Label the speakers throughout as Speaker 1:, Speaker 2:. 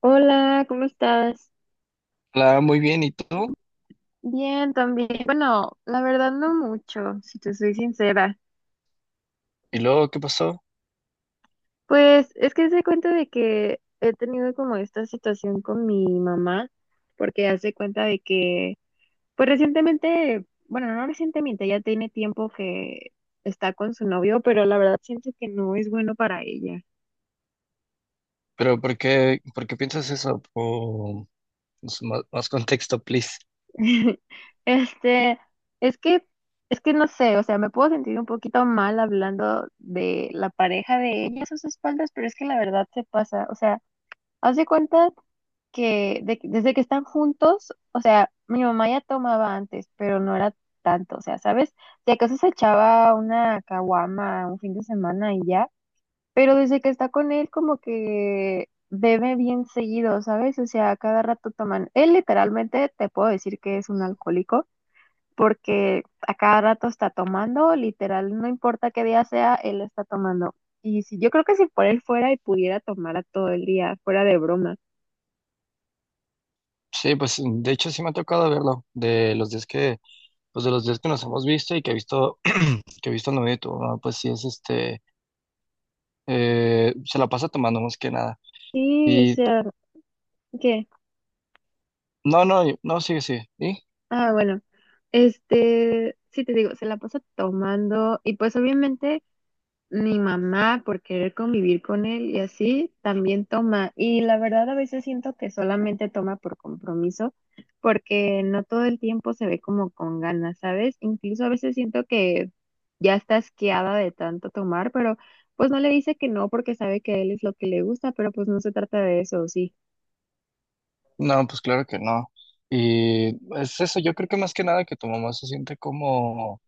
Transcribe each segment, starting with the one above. Speaker 1: Hola, ¿cómo estás?
Speaker 2: Hola, muy bien, ¿y tú?
Speaker 1: Bien, también. Bueno, la verdad no mucho, si te soy sincera.
Speaker 2: ¿Y luego qué pasó?
Speaker 1: Pues es que se cuenta de que he tenido como esta situación con mi mamá, porque hace cuenta de que, pues recientemente, bueno, no recientemente, ya tiene tiempo que está con su novio, pero la verdad siento que no es bueno para ella.
Speaker 2: ¿Pero por qué piensas eso? O, pues, más contexto, please.
Speaker 1: Este, es que, es que no sé, o sea, me puedo sentir un poquito mal hablando de la pareja de ella a sus espaldas, pero es que la verdad se pasa, o sea, haz de cuenta que desde que están juntos, o sea, mi mamá ya tomaba antes, pero no era tanto, o sea, ¿sabes? Si acaso se echaba una caguama un fin de semana y ya, pero desde que está con él como que bebe bien seguido, ¿sabes? O sea, cada rato toman, él literalmente te puedo decir que es un alcohólico porque a cada rato está tomando, literal, no importa qué día sea, él está tomando. Y si, yo creo que si por él fuera y pudiera tomar a todo el día, fuera de broma.
Speaker 2: Sí, pues de hecho sí me ha tocado verlo, de los días que, pues de los días que nos hemos visto y que he visto, que he visto el novio de tu mamá, pues sí es se la pasa tomando más que nada.
Speaker 1: Sí, o
Speaker 2: Y
Speaker 1: sea, ¿qué?
Speaker 2: no, sigue, sí. ¿Y?
Speaker 1: Ah, bueno, sí te digo, se la pasa tomando y pues obviamente mi mamá por querer convivir con él y así también toma. Y la verdad a veces siento que solamente toma por compromiso porque no todo el tiempo se ve como con ganas, ¿sabes? Incluso a veces siento que ya está asqueada de tanto tomar, pero pues no le dice que no porque sabe que a él es lo que le gusta, pero pues no se trata de eso, sí.
Speaker 2: No, pues claro que no. Y es eso, yo creo que más que nada que tu mamá se siente como,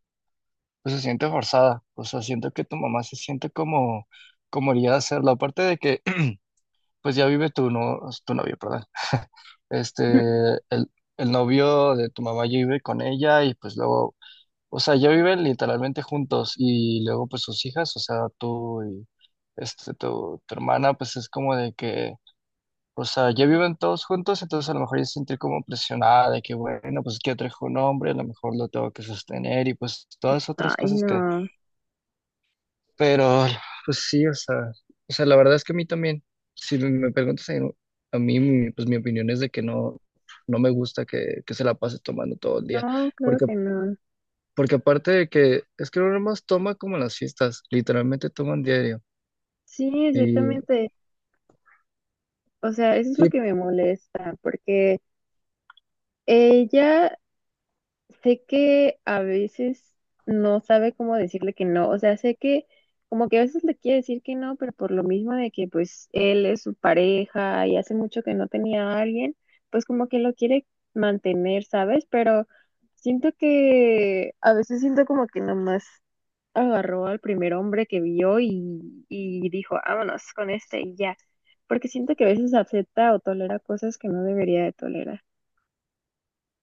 Speaker 2: pues se siente forzada. O sea, siento que tu mamá se siente como, como haría hacerlo. Aparte de que, pues ya vive tu, no, tu novio, perdón. Este, el, el novio de tu mamá ya vive con ella y pues luego, o sea, ya viven literalmente juntos y luego pues sus hijas, o sea, tú y tu hermana, pues es como de que, o sea, ya viven todos juntos. Entonces a lo mejor ella se siente como presionada de que, bueno, pues que trajo un hombre, a lo mejor lo tengo que sostener y pues todas otras
Speaker 1: Ay,
Speaker 2: cosas.
Speaker 1: no,
Speaker 2: Pero, pues sí, o sea, la verdad es que a mí también, si me preguntas a mí, mi- pues mi opinión es de que no, no me gusta que se la pase tomando todo el día,
Speaker 1: no, claro
Speaker 2: porque,
Speaker 1: que no.
Speaker 2: porque aparte de que, es que no más toma como en las fiestas, literalmente toman diario,
Speaker 1: Sí,
Speaker 2: y
Speaker 1: exactamente. O sea, eso es lo
Speaker 2: sí,
Speaker 1: que me molesta, porque ella sé que a veces no sabe cómo decirle que no, o sea, sé que como que a veces le quiere decir que no, pero por lo mismo de que pues él es su pareja y hace mucho que no tenía a alguien, pues como que lo quiere mantener, ¿sabes? Pero siento que a veces siento como que nomás agarró al primer hombre que vio y dijo, vámonos con este y ya, porque siento que a veces acepta o tolera cosas que no debería de tolerar.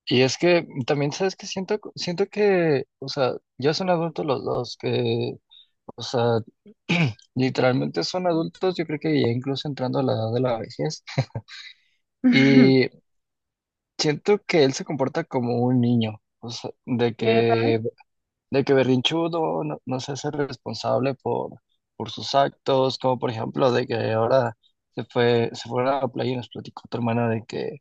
Speaker 2: y es que también, ¿sabes que Siento, siento que, o sea, ya son adultos los dos, que, o sea, literalmente son adultos, yo creo que ya incluso entrando a la edad de la vejez. Siento que él se comporta como un niño, o sea,
Speaker 1: Pero
Speaker 2: de que berrinchudo, no, no se hace responsable por sus actos, como por ejemplo de que ahora se fue, se fueron a la playa y nos platicó tu hermana de que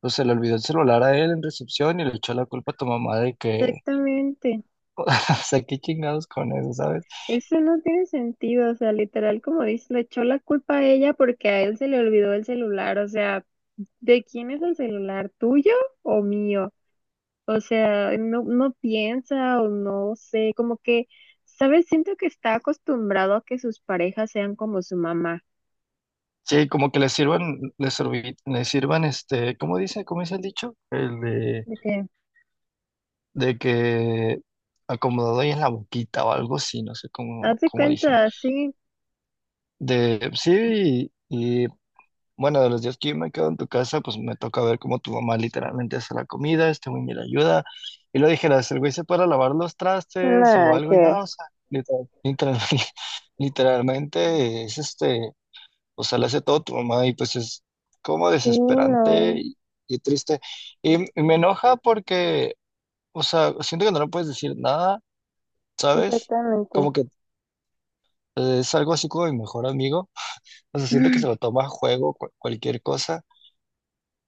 Speaker 2: pues, se le olvidó el celular a él en recepción y le echó la culpa a tu mamá de que,
Speaker 1: exactamente.
Speaker 2: o sea, qué chingados con eso, ¿sabes?
Speaker 1: Eso no tiene sentido, o sea, literal, como dice, le echó la culpa a ella porque a él se le olvidó el celular, o sea, ¿de quién es el celular? ¿Tuyo o mío? O sea, no, no piensa o no sé, como que, ¿sabes? Siento que está acostumbrado a que sus parejas sean como su mamá,
Speaker 2: Sí, como que le sirvan, le sirvi- le sirvan. ¿Cómo dice? ¿Cómo dice el dicho? El
Speaker 1: ¿de qué?
Speaker 2: de que acomodado ahí en la boquita o algo así, no sé cómo,
Speaker 1: Hazte
Speaker 2: cómo dicen.
Speaker 1: cuenta, sí,
Speaker 2: De sí, y, bueno, de los días que yo me quedo en tu casa, pues me toca ver cómo tu mamá literalmente hace la comida, este güey ni le ayuda. Y lo dijeras, el güey se para a lavar los trastes o
Speaker 1: nada,
Speaker 2: algo y
Speaker 1: que.
Speaker 2: nada, o sea, literalmente es o sea, le hace todo tu mamá y pues es como
Speaker 1: Sí,
Speaker 2: desesperante
Speaker 1: no,
Speaker 2: y triste. Y me enoja porque, o sea, siento que no le puedes decir nada, ¿sabes?
Speaker 1: exactamente.
Speaker 2: Como que es algo así como mi mejor amigo. O sea, siento que se lo toma a juego cu- cualquier cosa.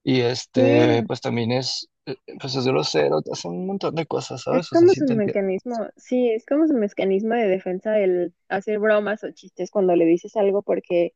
Speaker 2: Y
Speaker 1: Sí,
Speaker 2: pues también es pues es grosero, hace un montón de cosas,
Speaker 1: es
Speaker 2: ¿sabes? O sea,
Speaker 1: como
Speaker 2: sí
Speaker 1: su
Speaker 2: te entiendo.
Speaker 1: mecanismo, sí, es como su mecanismo de defensa el hacer bromas o chistes cuando le dices algo porque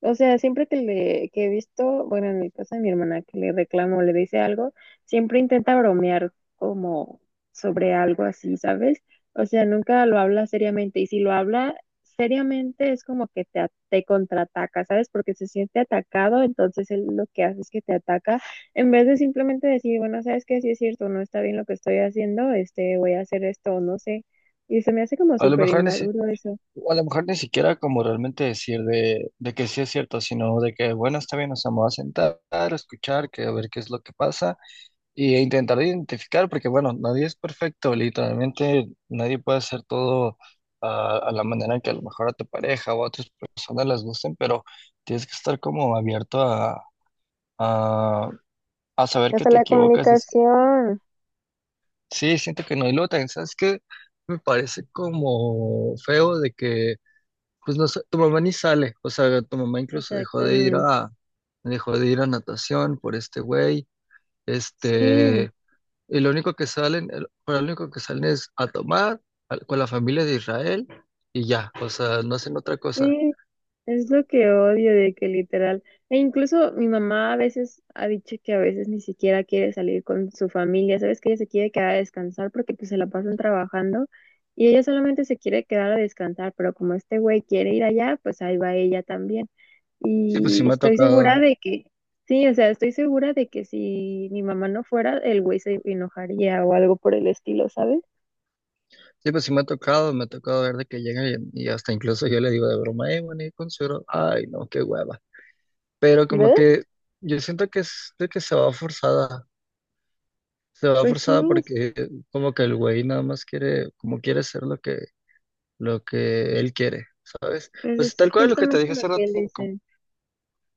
Speaker 1: o sea, siempre que he visto, bueno, en el caso de mi hermana que le reclamo, le dice algo, siempre intenta bromear como sobre algo así, ¿sabes? O sea, nunca lo habla seriamente y si lo habla seriamente es como que te, te contraataca, ¿sabes? Porque se siente atacado, entonces él lo que hace es que te ataca en vez de simplemente decir, bueno, ¿sabes qué? Sí es cierto, no está bien lo que estoy haciendo, voy a hacer esto, o no sé. Y se me hace como
Speaker 2: A lo
Speaker 1: súper
Speaker 2: mejor ni, si-
Speaker 1: inmaduro eso.
Speaker 2: a lo mejor ni siquiera como realmente decir de que sí es cierto, sino de que, bueno, está bien, nos vamos a sentar, a escuchar, que a ver qué es lo que pasa. Y intentar identificar, porque bueno, nadie es perfecto, literalmente nadie puede hacer todo a la manera que a lo mejor a tu pareja o a otras personas les gusten, pero tienes que estar como abierto a, a saber que
Speaker 1: Hasta
Speaker 2: te
Speaker 1: la
Speaker 2: equivocas. Dices,
Speaker 1: comunicación.
Speaker 2: sí, siento que no, y luego también, ¿sabes qué? Me parece como feo de que, pues no sé, tu mamá ni sale, o sea, tu mamá incluso
Speaker 1: Exactamente.
Speaker 2: dejó de ir a natación por este güey,
Speaker 1: Sí,
Speaker 2: este... Y lo único que salen, el- para lo único que salen es a tomar al- con la familia de Israel y ya, o sea, no hacen otra cosa.
Speaker 1: sí, es lo que odio de que literal, e incluso mi mamá a veces ha dicho que a veces ni siquiera quiere salir con su familia, sabes que ella se quiere quedar a descansar porque pues se la pasan trabajando y ella solamente se quiere quedar a descansar, pero como este güey quiere ir allá, pues ahí va ella también.
Speaker 2: Sí, pues sí
Speaker 1: Y
Speaker 2: me ha
Speaker 1: estoy segura
Speaker 2: tocado,
Speaker 1: de que, sí, o sea, estoy segura de que si mi mamá no fuera, el güey se enojaría o algo por el estilo, ¿sabes?
Speaker 2: sí, pues sí me ha tocado ver de que llegan y hasta incluso yo le digo de broma, bueno, y con suero, ay, no, qué hueva. Pero como
Speaker 1: ¿Ves?
Speaker 2: que yo siento que es de que se va
Speaker 1: Pues sí,
Speaker 2: forzada porque como que el güey nada más quiere, como quiere hacer lo que él quiere, ¿sabes?
Speaker 1: pues
Speaker 2: Pues
Speaker 1: es
Speaker 2: tal cual lo que te
Speaker 1: justamente
Speaker 2: dije
Speaker 1: lo
Speaker 2: hace
Speaker 1: que él
Speaker 2: rato, co-
Speaker 1: dice.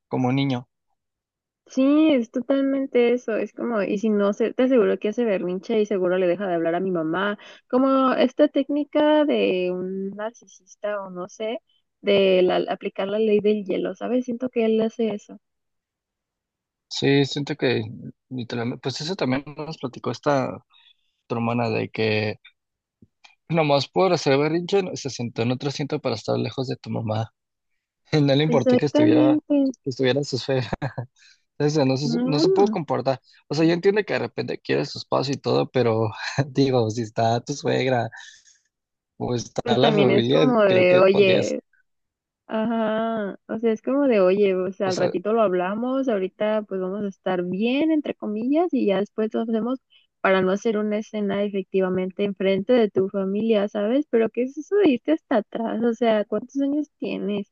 Speaker 2: como niño.
Speaker 1: Sí, es totalmente eso. Es como, y si no, se, te aseguro que hace berrinche y seguro le deja de hablar a mi mamá. Como esta técnica de un narcisista o no sé, aplicar la ley del hielo, ¿sabes? Siento que él hace eso.
Speaker 2: Sí, siento que literalmente, pues eso también nos platicó esta tu hermana de que nomás por hacer berrinche no- se sentó en otro asiento para estar lejos de tu mamá. No le importó
Speaker 1: Exactamente.
Speaker 2: que estuviera en su esfera. Entonces, no se pudo
Speaker 1: No.
Speaker 2: comportar. O sea, yo entiendo que de repente quiere su espacio y todo, pero digo, si está tu suegra o está
Speaker 1: Pues
Speaker 2: la
Speaker 1: también es
Speaker 2: familia,
Speaker 1: como
Speaker 2: creo
Speaker 1: de,
Speaker 2: que podrías,
Speaker 1: oye, ajá, o sea, es como de, oye, o sea,
Speaker 2: o
Speaker 1: al
Speaker 2: sea,
Speaker 1: ratito lo hablamos, ahorita pues vamos a estar bien, entre comillas, y ya después lo hacemos para no hacer una escena efectivamente enfrente de tu familia, ¿sabes? Pero ¿qué es eso de irte hasta atrás? O sea, ¿cuántos años tienes?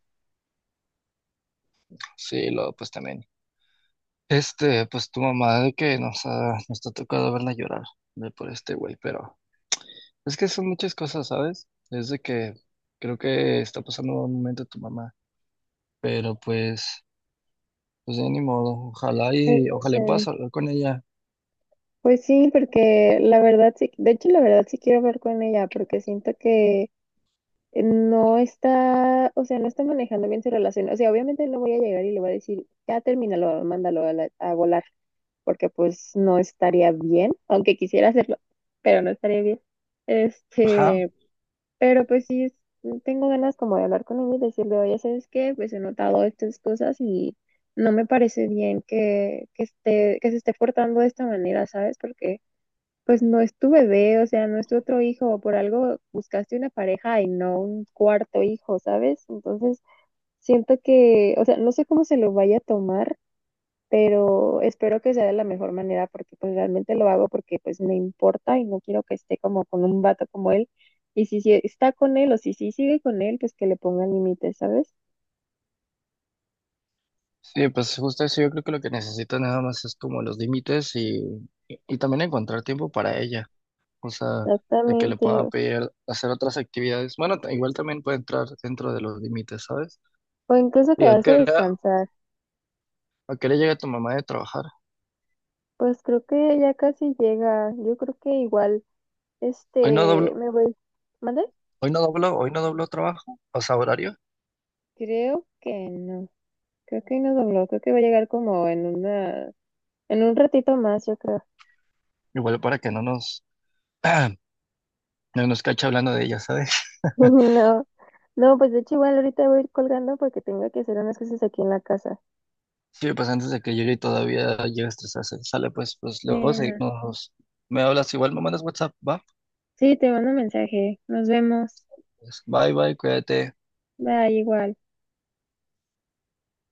Speaker 2: sí, luego pues también. Pues tu mamá de que nos ha tocado verla llorar de por este güey, pero. Es que son muchas cosas, ¿sabes? Es de que creo que está pasando un momento tu mamá, pero pues, pues ya ni modo, ojalá
Speaker 1: No
Speaker 2: y ojalá y puedas
Speaker 1: sé.
Speaker 2: hablar con ella.
Speaker 1: Pues sí, porque la verdad sí, de hecho la verdad sí quiero hablar con ella, porque siento que no está, o sea, no está manejando bien su relación. O sea, obviamente no voy a llegar y le voy a decir, ya termínalo, mándalo a, a volar. Porque pues no estaría bien, aunque quisiera hacerlo, pero no estaría bien.
Speaker 2: Ajá.
Speaker 1: Este, pero pues sí, tengo ganas como de hablar con ella y decirle, oye, ¿sabes qué? Pues he notado estas cosas y no me parece bien que esté, que se esté portando de esta manera, ¿sabes? Porque pues no es tu bebé, o sea, no es tu otro hijo, por algo buscaste una pareja y no un cuarto hijo, ¿sabes? Entonces, siento que, o sea, no sé cómo se lo vaya a tomar pero espero que sea de la mejor manera porque pues realmente lo hago porque pues me importa y no quiero que esté como con un vato como él. Y si, si está con él o si, si sigue con él, pues que le pongan límites, ¿sabes?
Speaker 2: Sí, pues justo eso, yo creo que lo que necesito nada más es como los límites y también encontrar tiempo para ella, o sea, de que le
Speaker 1: Exactamente.
Speaker 2: pueda pedir hacer otras actividades. Bueno, ta- igual también puede entrar dentro de los límites, ¿sabes?
Speaker 1: O incluso
Speaker 2: ¿Y
Speaker 1: quedarse a descansar.
Speaker 2: a qué hora llega tu mamá de trabajar?
Speaker 1: Pues creo que ya casi llega. Yo creo que igual,
Speaker 2: Hoy no doblo,
Speaker 1: me voy. ¿Mande?
Speaker 2: hoy no doblo trabajo, o sea, horario.
Speaker 1: Creo que no, creo que no dobló, creo que va a llegar como en una, en un ratito más, yo creo.
Speaker 2: Igual para que no nos, no nos cache hablando de ella, ¿sabes?
Speaker 1: No. No, pues de hecho igual ahorita voy a ir colgando porque tengo que hacer unas cosas aquí en la casa.
Speaker 2: Sí, pues antes de que llegue y todavía llegue a estresarse. Sale, pues, pues
Speaker 1: Sí
Speaker 2: luego
Speaker 1: no,
Speaker 2: seguimos. Me hablas igual, me mandas WhatsApp, va.
Speaker 1: sí, te mando un mensaje. Nos vemos.
Speaker 2: Pues, bye, bye, cuídate.
Speaker 1: Bye, igual.